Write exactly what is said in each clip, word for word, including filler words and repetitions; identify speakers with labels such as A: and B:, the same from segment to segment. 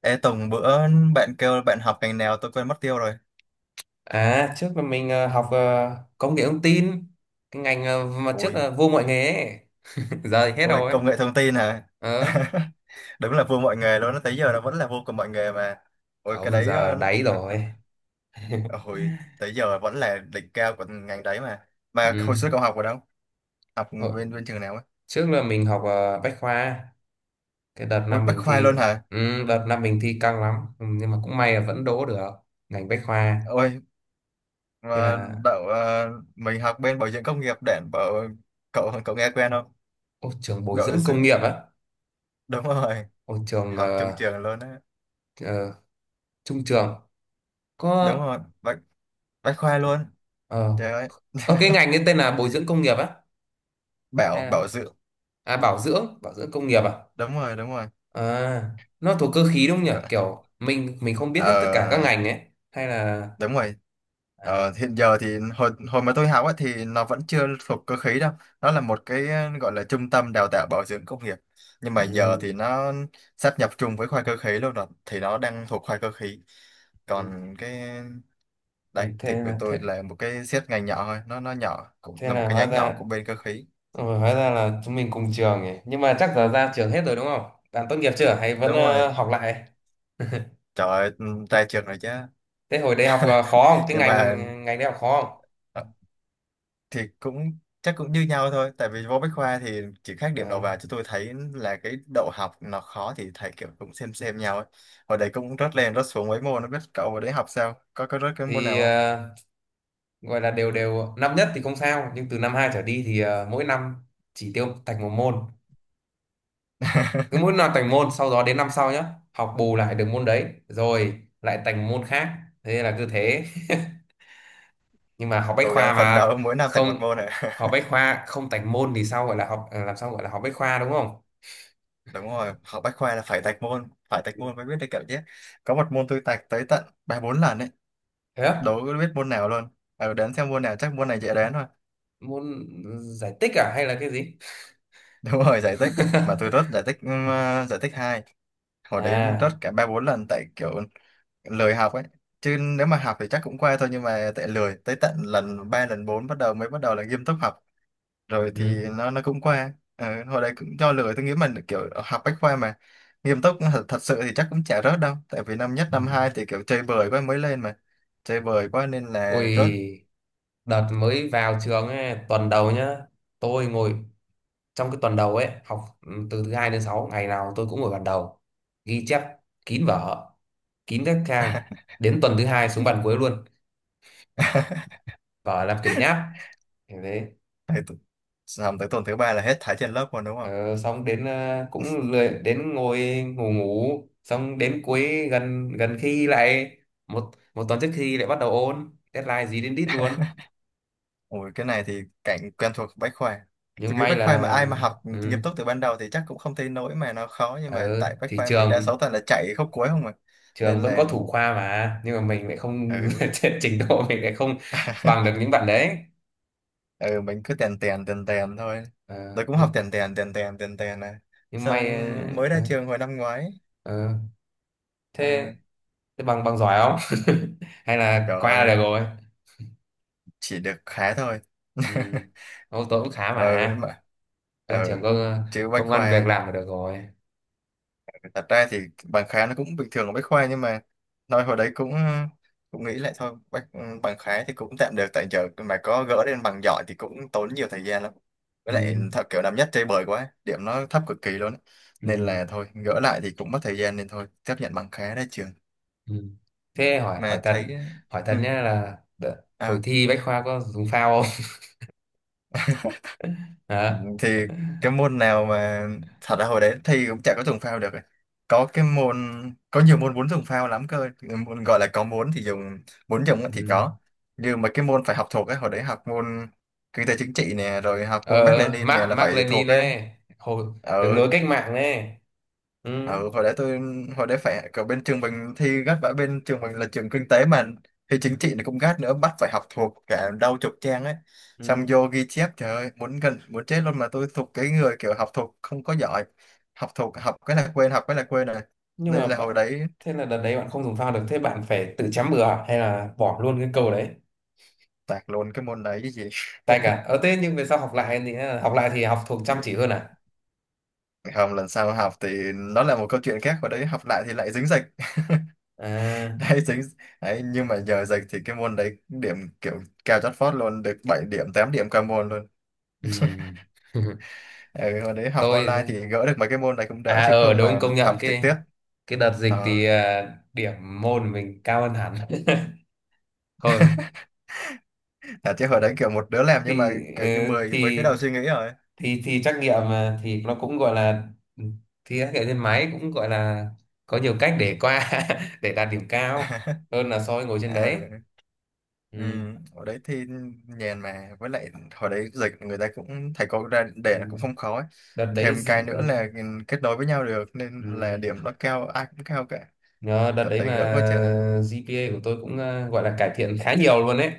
A: Ê Tùng bữa bạn kêu bạn học ngành nào tôi quên mất tiêu rồi.
B: À, trước là mình ờ, học ờ, công nghệ thông tin, cái ngành ờ, mà trước
A: Ôi,
B: là vô mọi nghề ấy. Giờ thì hết
A: ôi
B: rồi ấy.
A: công nghệ thông tin hả?
B: Ờ,
A: Đúng là vua mọi nghề luôn, tới giờ nó vẫn là vua của mọi nghề mà. Ôi cái
B: không,
A: đấy
B: giờ
A: ờ,
B: đáy
A: ờ, cái-
B: rồi.
A: ờ, hồi tới giờ vẫn là đỉnh cao của ngành đấy mà. Mà
B: Ừ.
A: hồi xưa cậu học ở đâu? Học
B: Ờ,
A: bên bên trường nào ấy?
B: trước là mình học ờ, Bách Khoa, cái đợt
A: Ôi
B: năm
A: Bách
B: mình
A: Khoa
B: thi,
A: luôn hả?
B: ừ, đợt năm mình thi căng lắm, ừ, nhưng mà cũng may là vẫn đỗ được ngành Bách Khoa.
A: Ôi
B: Thế
A: mà
B: là,
A: đậu ờ, mình học bên bảo dưỡng công nghiệp để bảo cậu cậu nghe quen không?
B: ô, trường bồi
A: Bảo
B: dưỡng công
A: dưỡng.
B: nghiệp á,
A: Đúng rồi,
B: ô, trường
A: học chung
B: ờ,
A: trường luôn á.
B: ờ, trung trường, có,
A: Đúng rồi, Bách Bách Khoa luôn.
B: ờ,
A: Trời ơi.
B: ờ, cái ngành ấy tên là bồi dưỡng công nghiệp á, hay
A: bảo
B: là,
A: bảo dưỡng,
B: à, bảo dưỡng, bảo dưỡng công nghiệp à?
A: đúng rồi đúng rồi
B: À, nó thuộc cơ khí đúng không nhỉ?
A: Gọi-
B: Kiểu mình mình không biết
A: ờ,
B: hết tất cả các ngành ấy hay là
A: đúng rồi.
B: à,
A: Ờ, hiện giờ thì hồi hồi mà tôi học ấy, thì nó vẫn chưa thuộc cơ khí đâu, nó là một cái gọi là trung tâm đào tạo bảo dưỡng công nghiệp, nhưng mà giờ
B: ừ,
A: thì nó sáp nhập chung với khoa cơ khí luôn rồi thì nó đang thuộc khoa cơ khí. Còn cái
B: ừ,
A: đấy thì
B: thế
A: của
B: là thế,
A: tôi là một cái xét ngành nhỏ thôi, nó nó nhỏ cũng
B: thế
A: là một
B: là
A: cái
B: hóa
A: nhánh nhỏ
B: ra
A: của bên cơ khí.
B: ừ, hóa ra là chúng mình cùng trường ấy. Nhưng mà chắc giờ ra trường hết rồi đúng không? Bạn tốt nghiệp chưa hay vẫn
A: Đúng rồi.
B: ờ, học lại?
A: Trời ơi, ra trường rồi chứ.
B: Thế hồi đại học ờ, khó không? Cái
A: Nhưng
B: ngành
A: mà
B: Ngành đại học khó không?
A: ờ, thì cũng chắc cũng như nhau thôi tại vì vô Bách Khoa thì chỉ khác điểm đầu
B: Ờ,
A: vào, chứ tôi thấy là cái đậu học nó khó thì thầy kiểu cũng xem xem nhau ấy. Hồi đấy cũng rớt lên rớt xuống mấy môn, nó biết cậu hồi đấy học sao, có có rớt cái môn nào
B: thì
A: không?
B: ờ, gọi là đều đều năm nhất thì không sao, nhưng từ năm hai trở đi thì ờ, mỗi năm chỉ tiêu thành một môn, cứ mỗi năm tành môn, sau đó đến năm sau nhá học bù lại được môn đấy rồi lại tành môn khác, thế là cứ thế. Nhưng mà học bách
A: Cố
B: khoa
A: gắng phấn
B: mà
A: đấu mỗi năm tạch một
B: không,
A: môn ạ.
B: học bách khoa không tành môn thì sao gọi là học, à, làm sao gọi là học bách khoa đúng không?
A: Đúng rồi, học Bách Khoa là phải tạch môn, phải tạch môn mới biết được kiểu chứ. Có một môn tôi tạch tới tận ba bốn lần ấy,
B: Thế á,
A: đâu có biết môn nào luôn, ờ đến xem môn nào chắc môn này dễ đến thôi.
B: môn giải tích à hay là cái gì?
A: Đúng rồi, giải tích. Mà tôi rớt giải tích ừm, ờ, giải tích hai, hồi đấy rớt
B: À,
A: cả ba bốn lần tại kiểu lười học ấy, chứ nếu mà học thì chắc cũng qua thôi, nhưng mà tại lười tới tận lần ba lần bốn bắt đầu mới bắt đầu là nghiêm túc học rồi thì
B: ừ.
A: nó nó cũng qua. Ờ, hồi đấy cũng do lười, tôi nghĩ mình kiểu học bách khoa mà nghiêm túc thật, thật sự thì chắc cũng chả rớt đâu, tại vì năm nhất
B: Ừ.
A: năm hai thì kiểu chơi bời quá mới lên mà, chơi bời quá nên là rớt.
B: Ôi, đợt mới vào trường ấy, tuần đầu nhá, tôi ngồi trong cái tuần đầu ấy học, ừ, từ thứ hai đến sáu ngày nào tôi cũng ngồi bàn đầu, ghi chép kín vở, kín các trang, đến tuần thứ hai xuống bàn cuối luôn, vở làm quyển nháp, thế đấy.
A: Thì tu- Xong tới tuần thứ ba là hết thải trên lớp rồi đúng không?
B: ờ, Xong đến ờ, cũng lười đến ngồi ngủ, ngủ xong đến cuối gần, gần khi lại một một tuần trước khi lại bắt đầu ôn, deadline gì đến đít luôn.
A: Ủa, cái này thì cảnh quen thuộc Bách Khoa.
B: Nhưng
A: Tôi nghĩ
B: may
A: Bách Khoa mà
B: là
A: ai mà học nghiêm
B: ừ,
A: túc từ ban đầu thì chắc cũng không thấy nỗi mà nó khó, nhưng mà
B: ờ,
A: tại Bách
B: thì
A: Khoa mình đa
B: trường
A: số toàn là chạy khúc cuối không mà, nên
B: trường vẫn có
A: là
B: thủ khoa mà, nhưng mà mình lại không
A: ừ.
B: trình độ mình lại không bằng được những bạn đấy.
A: Ừ, mình cứ tèn tèn tèn tèn thôi. Tôi
B: Ờ,
A: cũng học
B: nhưng,
A: tèn tèn tèn tèn tèn tèn này.
B: nhưng may
A: Xong mới
B: ờ,
A: ra
B: ờ,
A: trường hồi năm ngoái.
B: ờ.
A: Ờ,
B: thế thế bằng bằng giỏi không, hay là
A: trời
B: qua
A: ơi,
B: là được rồi?
A: chỉ được khá thôi.
B: Ừ. Ô, tôi cũng khá
A: Ừ đúng
B: mà,
A: mà.
B: ra
A: Ừ,
B: trường có
A: chứ Bách
B: công ăn việc
A: Khoa
B: làm là được rồi.
A: thật ra thì bằng khái nó cũng bình thường ở Bách Khoa, nhưng mà nói hồi đấy cũng cũng nghĩ lại thôi bách, ừ, bằng khái thì cũng tạm được, tại giờ mà có gỡ lên bằng giỏi thì cũng tốn nhiều thời gian lắm, với lại
B: Ừ.
A: thật kiểu năm nhất chơi bời quá điểm nó thấp cực kỳ luôn á.
B: Ừ.
A: Nên là thôi gỡ lại thì cũng mất thời gian nên thôi chấp nhận bằng khá ra trường
B: Ừ. Thế hỏi hỏi
A: mà
B: thật,
A: thấy.
B: hỏi thật
A: Ừ.
B: nhá là đợ- hồi
A: À,
B: thi Bách Khoa có dùng phao không? Hả?
A: thì cái môn nào mà thật ra hồi đấy thi cũng chả có dùng phao được. Có cái môn, có nhiều môn muốn dùng phao lắm cơ. Cái môn gọi là có muốn thì dùng, muốn dùng á thì
B: Ừ.
A: có, nhưng mà cái môn phải học thuộc ấy, hồi đấy học môn kinh tế chính trị nè, rồi học môn
B: ờ
A: Mác
B: ờ,
A: Lênin
B: Mark
A: nè là
B: Mark
A: phải
B: Lenin
A: thuộc ấy.
B: này, hồi đường
A: Ừ.
B: lối cách mạng này. Ừ.
A: Ừ, hồi đấy tôi, hồi đấy phải ở bên trường mình thi gắt, vả bên trường mình là trường kinh tế mà, thi chính trị nó cũng gắt nữa, bắt phải học thuộc cả đau chục trang ấy, xong
B: Ừ.
A: vô ghi chép trời ơi muốn gần muốn chết luôn, mà tôi thuộc cái người kiểu học thuộc không có giỏi, học thuộc học cái là quên học cái là quên rồi.
B: nhưng mà
A: Nên là hồi
B: bạn
A: đấy
B: Thế là đợt đấy bạn không dùng phao được, thế bạn phải tự chấm bừa à? Hay là bỏ luôn cái câu đấy,
A: tạc luôn cái môn đấy chứ gì.
B: tay cả ở thế? Nhưng về sau học lại thì ờ, học lại thì học thuộc chăm chỉ hơn à?
A: Không, lần sau học thì nó là một câu chuyện khác, hồi đấy học lại thì lại dính dịch.
B: À,
A: Đấy, dính đấy, nhưng mà giờ dịch thì cái môn đấy điểm kiểu cao chót vót luôn, được bảy điểm tám điểm qua môn luôn.
B: ừ.
A: Ừ, hồi đấy học
B: Tôi
A: online thì gỡ được mấy cái môn này cũng đỡ,
B: à
A: chứ
B: ờ
A: không
B: đúng
A: mà
B: công nhận,
A: học trực
B: cái
A: tiếp.
B: cái đợt dịch
A: Ờ.
B: thì à, điểm môn mình cao hơn hẳn. Thôi
A: À, chứ hồi đấy kiểu một đứa làm nhưng mà
B: thì ờ,
A: kiểu như mười mấy cái
B: thì
A: đầu suy nghĩ rồi.
B: thì thì trắc nghiệm mà, thì nó cũng gọi là, thì trắc nghiệm trên máy, cũng gọi là có nhiều cách để qua để đạt điểm cao hơn là so với ngồi trên đấy.
A: Ừ. Ừ.
B: Ừ.
A: Hồi đấy thì nhàn mà, với lại hồi đấy dịch người ta cũng thầy cô ra để là
B: Ừ.
A: cũng không khó ấy.
B: Đợt đấy
A: Thêm cái
B: dự- ừ.
A: nữa là ừ, kết nối với nhau được nên
B: Ừ.
A: là điểm nó cao, ai cũng cao cả.
B: Nhờ đợt
A: Thật
B: đấy
A: đấy, gỡ
B: mà
A: quá trời.
B: giê pê a của tôi cũng ờ, gọi là cải thiện khá nhiều luôn đấy.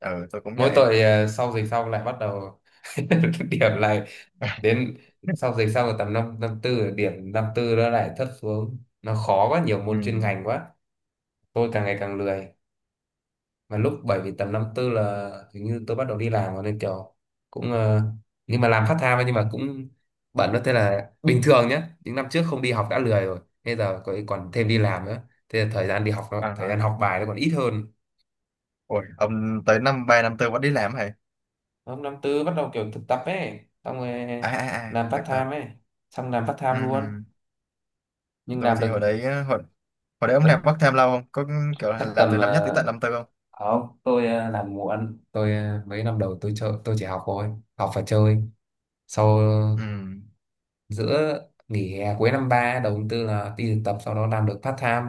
A: Ừ tôi cũng
B: Mỗi
A: vậy.
B: tội ờ, sau dịch xong lại bắt đầu điểm lại. Đến sau dịch xong rồi tầm năm năm tư, điểm năm tư nó lại thấp xuống, nó khó quá, nhiều
A: Ừ.
B: môn chuyên ngành quá. Tôi càng ngày càng lười, mà lúc bởi vì tầm năm tư là hình như tôi bắt đầu đi làm rồi nên kiểu cũng ờ, nhưng mà làm part time ấy, nhưng mà cũng bận đó. Thế là bình thường nhá, những năm trước không đi học đã lười rồi, bây giờ có- còn thêm đi làm nữa, thế là thời gian đi học
A: À,
B: nó, thời
A: hả.
B: gian học bài nó còn ít hơn.
A: Ôi ông tới năm ba năm tư vẫn đi làm hả?
B: Hôm năm tư bắt đầu kiểu thực tập ấy, xong rồi
A: À à à,
B: làm part
A: thực tập.
B: time ấy, xong làm part time
A: Ừ.
B: luôn.
A: Ừ.
B: Nhưng
A: Tôi
B: làm
A: thì
B: được
A: hồi đấy á, hồi, hồi đấy ông làm
B: tận
A: part time lâu không, có kiểu là
B: chắc
A: làm
B: tầm
A: từ năm nhất tới tận
B: ờ,
A: năm tư không?
B: không, tôi ờ, làm muộn, tôi ờ, mấy năm đầu tôi chơi, tôi chỉ học thôi, học và chơi. Sau
A: Ừ.
B: giữa Nghỉ hè cuối năm ba đầu tháng tư là đi thực tập, sau đó làm được part time.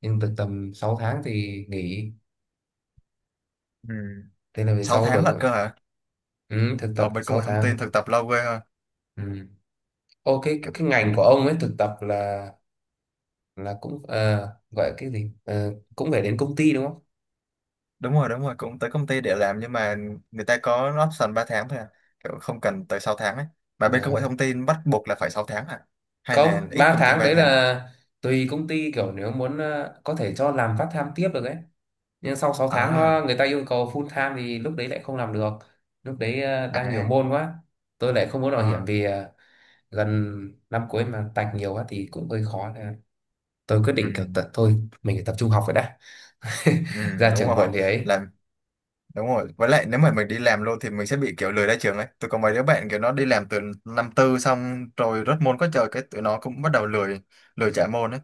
B: Nhưng thực tập sáu tháng thì nghỉ,
A: Ừ.
B: thế là về
A: Sáu
B: sau
A: tháng lận
B: đổi.
A: cơ hả?
B: Ừ, thực tập
A: Ở bên công
B: sáu
A: nghệ thông tin
B: tháng
A: thực tập lâu ghê ha.
B: Ừ. Ô, cái
A: Kiểu
B: cái ngành của ông ấy thực tập là, là cũng ờ, gọi cái gì, ờ, cũng phải đến công ty đúng không?
A: đúng rồi đúng rồi, cũng tới công ty để làm nhưng mà người ta có option ba tháng thôi à, kiểu không cần tới sáu tháng ấy, mà
B: Ờ.
A: bên công nghệ thông tin bắt buộc là phải sáu tháng à, hay là
B: Không,
A: ít
B: ba
A: công ty
B: tháng
A: ba
B: đấy
A: tháng?
B: là tùy công ty, kiểu nếu muốn ờ, có thể cho làm part time tiếp được ấy. Nhưng sau sáu tháng nó
A: À
B: người ta yêu cầu full time thì lúc đấy lại không làm được, lúc đấy ờ, đang nhiều
A: à
B: môn quá, tôi lại không muốn bảo hiểm
A: à.
B: vì ờ, gần năm cuối mà tạch nhiều quá thì cũng hơi khó, nên là tôi quyết
A: Ừ.
B: định kiểu tật thôi, mình phải tập trung học rồi đã.
A: Ừ.
B: Ra
A: Đúng
B: trường
A: rồi.
B: muộn thì ấy.
A: Làm đúng rồi, với lại nếu mà mình đi làm luôn thì mình sẽ bị kiểu lười ra trường ấy. Tôi có mấy đứa bạn kiểu nó đi làm từ năm tư xong rồi rớt môn có trời, cái tụi nó cũng bắt đầu lười, lười trả môn ấy,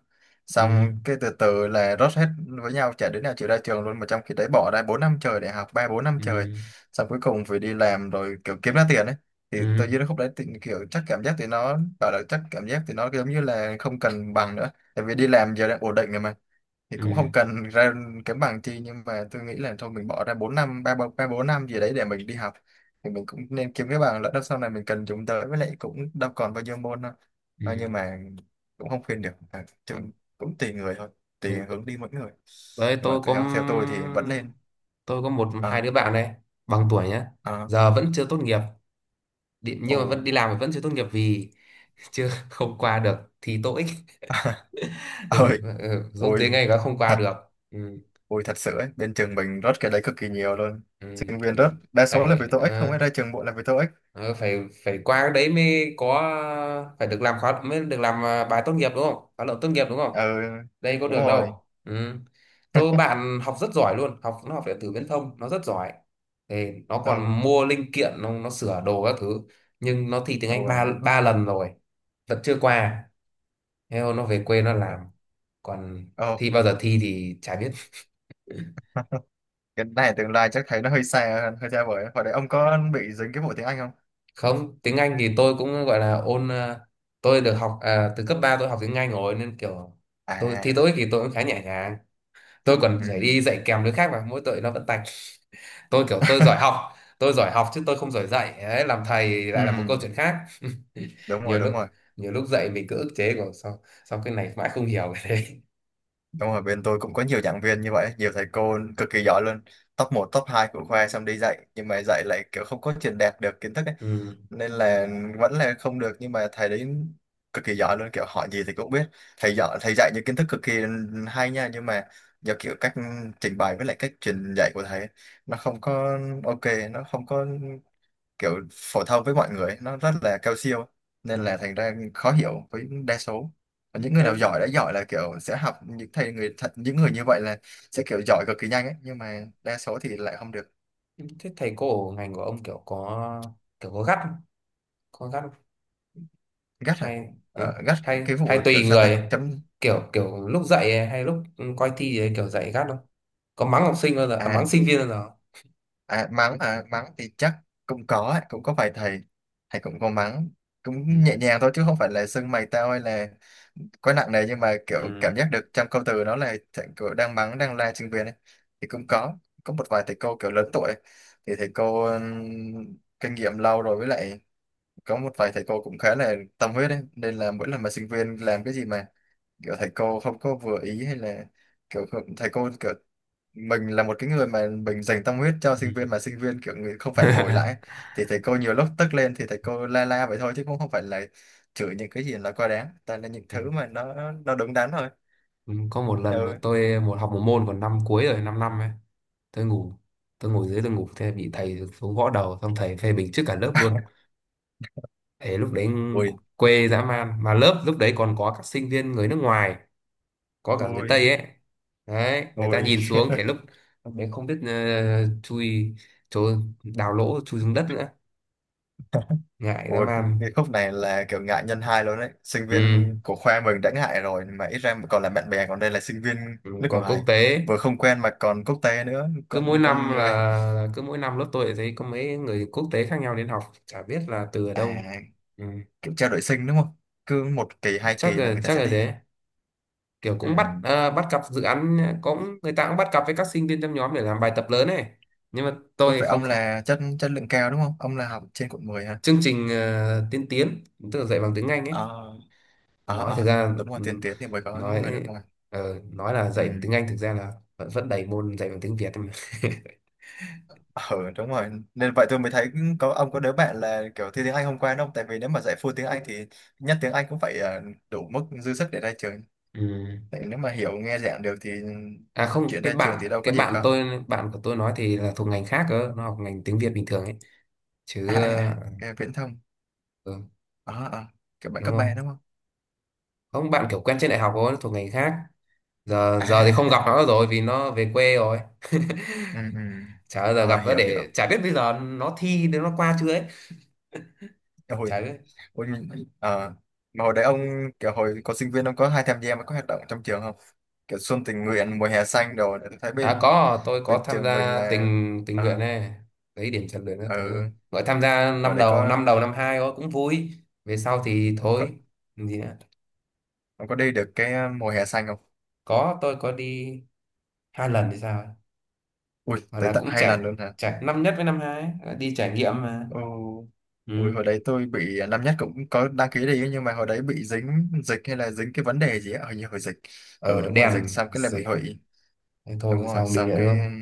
B: Ừ,
A: xong cái từ từ là rớt hết với nhau, chả đứa nào chịu ra trường luôn, mà trong khi đấy bỏ ra bốn năm trời để học, ba bốn năm trời,
B: ừ,
A: xong cuối cùng phải đi làm rồi kiểu kiếm ra tiền ấy. Thì
B: ừ,
A: tôi dưới khúc đấy thì kiểu chắc cảm giác thì nó bảo là chắc cảm giác thì nó giống như là không cần bằng nữa, tại vì đi làm giờ đang ổn định rồi mà, thì cũng
B: ừ,
A: không cần ra kiếm bằng chi. Nhưng mà tôi nghĩ là thôi mình bỏ ra bốn năm, ba bốn ba bốn năm gì đấy để mình đi học, thì mình cũng nên kiếm cái bằng lỡ đâu sau này mình cần dùng tới, với lại cũng đâu còn bao nhiêu môn đâu.
B: ừ.
A: Ờ, nhưng mà cũng không khuyên được à, chung cũng tùy người thôi, tùy
B: Ừ,
A: hướng đi mỗi người.
B: đấy,
A: Nhưng mà
B: tôi có
A: theo theo tôi thì vẫn nên.
B: tôi có một hai
A: Ờ.
B: đứa bạn này, bằng tuổi nhá,
A: Ờ.
B: giờ vẫn chưa tốt nghiệp, đi- nhưng
A: Ồ.
B: mà vẫn đi làm mà vẫn chưa tốt nghiệp vì chưa không qua được thi TOEIC. Ừ,
A: Ơi.
B: ừ, dốt
A: Ôi
B: tiếng Anh đã không qua
A: thật.
B: được. Ừ,
A: Ôi thật sự ấy bên trường mình rớt cái đấy cực kỳ nhiều luôn, sinh viên rớt
B: ừ,
A: đa số là vì
B: phải
A: tô ích, không
B: ờ,
A: phải ra trường bộ là vì tô ích.
B: ờ, phải phải qua cái đấy mới có, phải được làm khóa mới được làm à, bài tốt nghiệp đúng không? Khóa luận tốt nghiệp đúng không?
A: Ừ.
B: Đây có
A: Đúng
B: được
A: rồi.
B: đâu. Ừ. Tôi bạn học rất giỏi luôn, học nó học điện tử viễn thông, nó rất giỏi thì nó
A: Ừ.
B: còn mua linh kiện, nó, nó sửa đồ các thứ. Nhưng nó thi tiếng
A: Ồ
B: Anh ba
A: vậy.
B: ba lần rồi vẫn chưa qua. Thế thôi nó về quê nó làm, còn
A: Ồ.
B: thi bao giờ thi thì chả biết.
A: Cái này tương lai chắc thấy nó hơi xa, hơi xa vời. Hồi đấy ông có bị dính cái vụ tiếng Anh không?
B: Không, tiếng Anh thì tôi cũng gọi là ôn ờ, tôi được học à, từ cấp ba tôi học tiếng Anh rồi nên kiểu tôi thi
A: À.
B: TOEIC thì tôi cũng khá nhẹ nhàng, tôi còn
A: Ừ.
B: phải đi dạy kèm đứa khác mà mỗi tội nó vẫn tạch. Tôi kiểu tôi giỏi học, tôi giỏi học chứ tôi không giỏi dạy. Đấy, làm thầy lại là một
A: Ừ,
B: câu chuyện khác.
A: đúng rồi,
B: nhiều
A: đúng
B: lúc
A: rồi.
B: Nhiều lúc dạy mình cứ ức chế, của sao sao cái này mãi không hiểu cái đấy.
A: Đúng rồi, bên tôi cũng có nhiều giảng viên như vậy, nhiều thầy cô cực kỳ giỏi luôn. Top một top hai của khoa xong đi dạy, nhưng mà dạy lại kiểu không có truyền đạt được kiến thức ấy.
B: Ừ.
A: Nên là vẫn là không được, nhưng mà thầy đấy cực kỳ giỏi luôn, kiểu hỏi gì thì cũng biết. Thầy giỏi, thầy dạy những kiến thức cực kỳ hay nha, nhưng mà do kiểu cách trình bày với lại cách truyền dạy của thầy ấy, nó không có ok, nó không có kiểu phổ thông với mọi người, nó rất là cao siêu,
B: Ừ.
A: nên là thành ra khó hiểu với đa số. Còn những người
B: Thế,
A: nào giỏi đã giỏi là kiểu sẽ học những thầy người thật, những người như vậy là sẽ kiểu giỏi cực kỳ nhanh ấy, nhưng mà đa số thì lại không được.
B: Thế thầy cô ở ngành của ông kiểu có kiểu có gắt không? Có gắt,
A: Gắt à?
B: hay ừ,
A: Ờ, gắt
B: hay
A: cái vụ
B: hay
A: kiểu
B: tùy
A: sao ta
B: người,
A: chấm
B: kiểu kiểu lúc dạy hay lúc coi thi thì kiểu dạy gắt không? Có mắng học sinh bao giờ, à,
A: à?
B: mắng sinh viên bao giờ không?
A: À, mắng hả? Mắng thì chắc cũng có ấy, cũng có vài thầy. Thầy cũng có mắng, cũng nhẹ
B: Ừ.
A: nhàng thôi chứ không phải là xưng mày tao hay là quá nặng nề, nhưng mà kiểu cảm
B: Ừ.
A: giác được trong câu từ đó là thầy kiểu đang mắng, đang la sinh viên ấy. Thì cũng có, có một vài thầy cô kiểu lớn tuổi thì thầy cô ừm, kinh nghiệm lâu rồi, với lại có một vài thầy cô cũng khá là tâm huyết ấy. Nên là mỗi lần mà sinh viên làm cái gì mà kiểu thầy cô không có vừa ý hay là kiểu không- thầy cô kiểu mình là một cái người mà mình dành tâm huyết cho sinh
B: Ừ.
A: viên, mà sinh viên kiểu người không phản hồi lại ấy. Thì thầy cô nhiều lúc tức lên thì thầy cô la la vậy thôi, chứ cũng không phải là chửi những cái gì là quá đáng, toàn là những
B: Ừ.
A: thứ mà nó nó đúng đắn thôi.
B: Ừ, có một lần mà
A: Ừ.
B: tôi một học một môn còn năm cuối rồi, 5 năm năm ấy, tôi ngủ tôi ngồi dưới tôi ngủ, thế bị thầy xuống gõ đầu, xong thầy phê bình trước cả lớp luôn. Thế lúc đấy
A: Ui.
B: quê dã man, mà lớp lúc đấy còn có các sinh viên người nước ngoài, có cả người Tây
A: Ui.
B: ấy. Đấy, người ta
A: Ui.
B: nhìn xuống, thế lúc lúc đấy không biết ờ, chui chỗ, đào lỗ chui xuống đất nữa, ngại dã
A: Ui.
B: man.
A: Cái khúc này là kiểu ngại nhân hai luôn đấy, sinh
B: Ừ.
A: viên của khoa mình đã ngại rồi mà ít ra còn là bạn bè, còn đây là sinh viên
B: Ừ,
A: nước
B: còn quốc
A: ngoài,
B: tế.
A: vừa không quen mà còn quốc tế nữa,
B: cứ
A: con
B: mỗi năm
A: con
B: là,
A: người.
B: là Cứ mỗi năm lớp tôi lại thấy có mấy người quốc tế khác nhau đến học, chả biết là từ ở
A: À,
B: đâu. Ừ.
A: kiểu trao đổi sinh đúng không, cứ một kỳ hai
B: Chắc
A: kỳ là
B: là
A: người ta
B: chắc
A: sẽ
B: là
A: đi à.
B: thế, kiểu cũng bắt
A: Ừ.
B: ờ, bắt cặp dự án, cũng người ta cũng bắt cặp với các sinh viên trong nhóm để làm bài tập lớn này. Nhưng mà tôi
A: Với
B: thì
A: vậy
B: không,
A: ông
B: không.
A: là chất chất lượng cao đúng không? Ông là học trên quận mười hả?
B: Chương trình ờ, tiên tiến, tức là dạy bằng tiếng Anh ấy.
A: Ờ, ờ,
B: Nói
A: ờ,
B: thực ra
A: đúng rồi, tiền
B: ừm,
A: tiến thì mới có người nước
B: nói
A: ngoài.
B: ờ, Nói là
A: Ừ.
B: dạy bằng tiếng Anh, thực ra là vẫn vẫn đầy môn dạy bằng tiếng Việt mà.
A: Ờ, đúng rồi. Nên vậy tôi mới thấy có ông có đứa bạn là kiểu thi tiếng Anh hôm qua đúng không? Tại vì nếu mà dạy full tiếng Anh thì nhất tiếng Anh cũng phải ờ, đủ mức dư sức để ra trường.
B: Ừm.
A: Tại nếu mà hiểu nghe giảng được thì
B: À không,
A: chuyện
B: cái
A: ra trường thì
B: bạn
A: đâu có
B: cái
A: gì
B: bạn
A: khó.
B: tôi, bạn của tôi nói thì là thuộc ngành khác cơ, nó học ngành tiếng Việt bình thường ấy
A: À,
B: chứ.
A: à,
B: ờ,
A: à, cái viễn thông.
B: ừ,
A: Ờ, ờ, kiểu bạn
B: Đúng
A: cấp ba
B: không?
A: đúng không?
B: Không, bạn kiểu quen trên đại học thôi, nó thuộc ngành khác. Giờ
A: À,
B: Giờ thì không
A: à,
B: gặp
A: à.
B: nó rồi, vì nó về quê rồi,
A: Ừ, ừ.
B: chả bao giờ gặp
A: Ờ,
B: nó
A: hiểu, hiểu.
B: để, chả biết bây giờ nó thi đến nó qua chưa ấy, chả
A: Ôi.
B: biết.
A: Ôi, mình, à, mà hồi đấy ông kiểu hồi có sinh viên ông có hay tham gia mấy cái hoạt động trong trường không? Kiểu xuân tình nguyện, mùa hè xanh đồ để tôi thấy
B: À
A: bên
B: có, tôi có
A: bên
B: tham
A: trường mình
B: gia
A: là
B: tình tình nguyện
A: à,
B: này, lấy điểm rèn luyện các thứ.
A: ở
B: Mới tham gia
A: hồi
B: năm
A: đấy
B: đầu,
A: có,
B: năm đầu năm hai thôi, cũng vui. Về sau thì
A: có
B: thôi, làm gì nữa.
A: ông có đi được cái ờ, mùa hè xanh không?
B: Có, tôi có đi hai lần thì sao ấy.
A: Ui,
B: Gọi
A: tới
B: là
A: tận
B: cũng
A: hai lần
B: chạy,
A: luôn hả?
B: chạy năm nhất với năm hai, ấy, đi trải nghiệm mà.
A: Ồ.
B: Ừ.
A: Ui, hồi đấy tôi bị ờ, năm nhất cũng có đăng ký đi nhưng mà hồi đấy bị dính dịch hay là dính cái vấn đề gì á, hình như hồi dịch. Ừ
B: Ở
A: đúng rồi, dịch
B: đèn
A: xong cái là bị
B: dịch,
A: hủy.
B: thế
A: Đúng
B: thôi sao
A: rồi,
B: không đi
A: xong
B: nữa đúng
A: cái
B: không?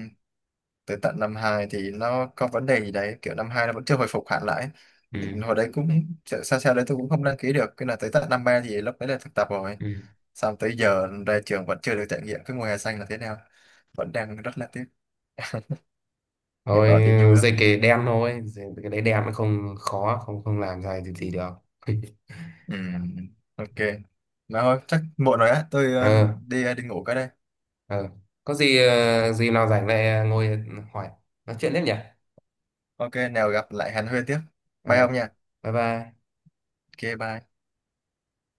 A: tới tận năm hai thì nó có vấn đề gì đấy, kiểu năm hai nó vẫn chưa hồi phục hẳn lại.
B: Ừ.
A: Thì hồi đấy cũng sao sao đấy, tôi cũng không đăng ký được, cái là tới tận năm ba thì lúc đấy là thực tập rồi,
B: Ừ.
A: xong tới giờ ra trường vẫn chưa được trải nghiệm cái mùa hè xanh là thế nào, vẫn đang rất là tiếc, nghe
B: Thôi
A: bảo đi vui lắm.
B: dịch cái đen thôi, dịch cái đấy đen nó không khó, không không làm ra gì, gì được.
A: Ừ, ok. Mà thôi chắc muộn rồi á, tôi ờ,
B: Ờ.
A: đi ờ, đi ngủ cái đây.
B: Ờ, có gì ờ, gì nào rảnh lại ngồi hỏi, nói chuyện tiếp nhỉ?
A: Ok, nào gặp lại Hàn Huyên tiếp. Bye
B: Ờ,
A: ông nha.
B: bye bye.
A: Ok, bye.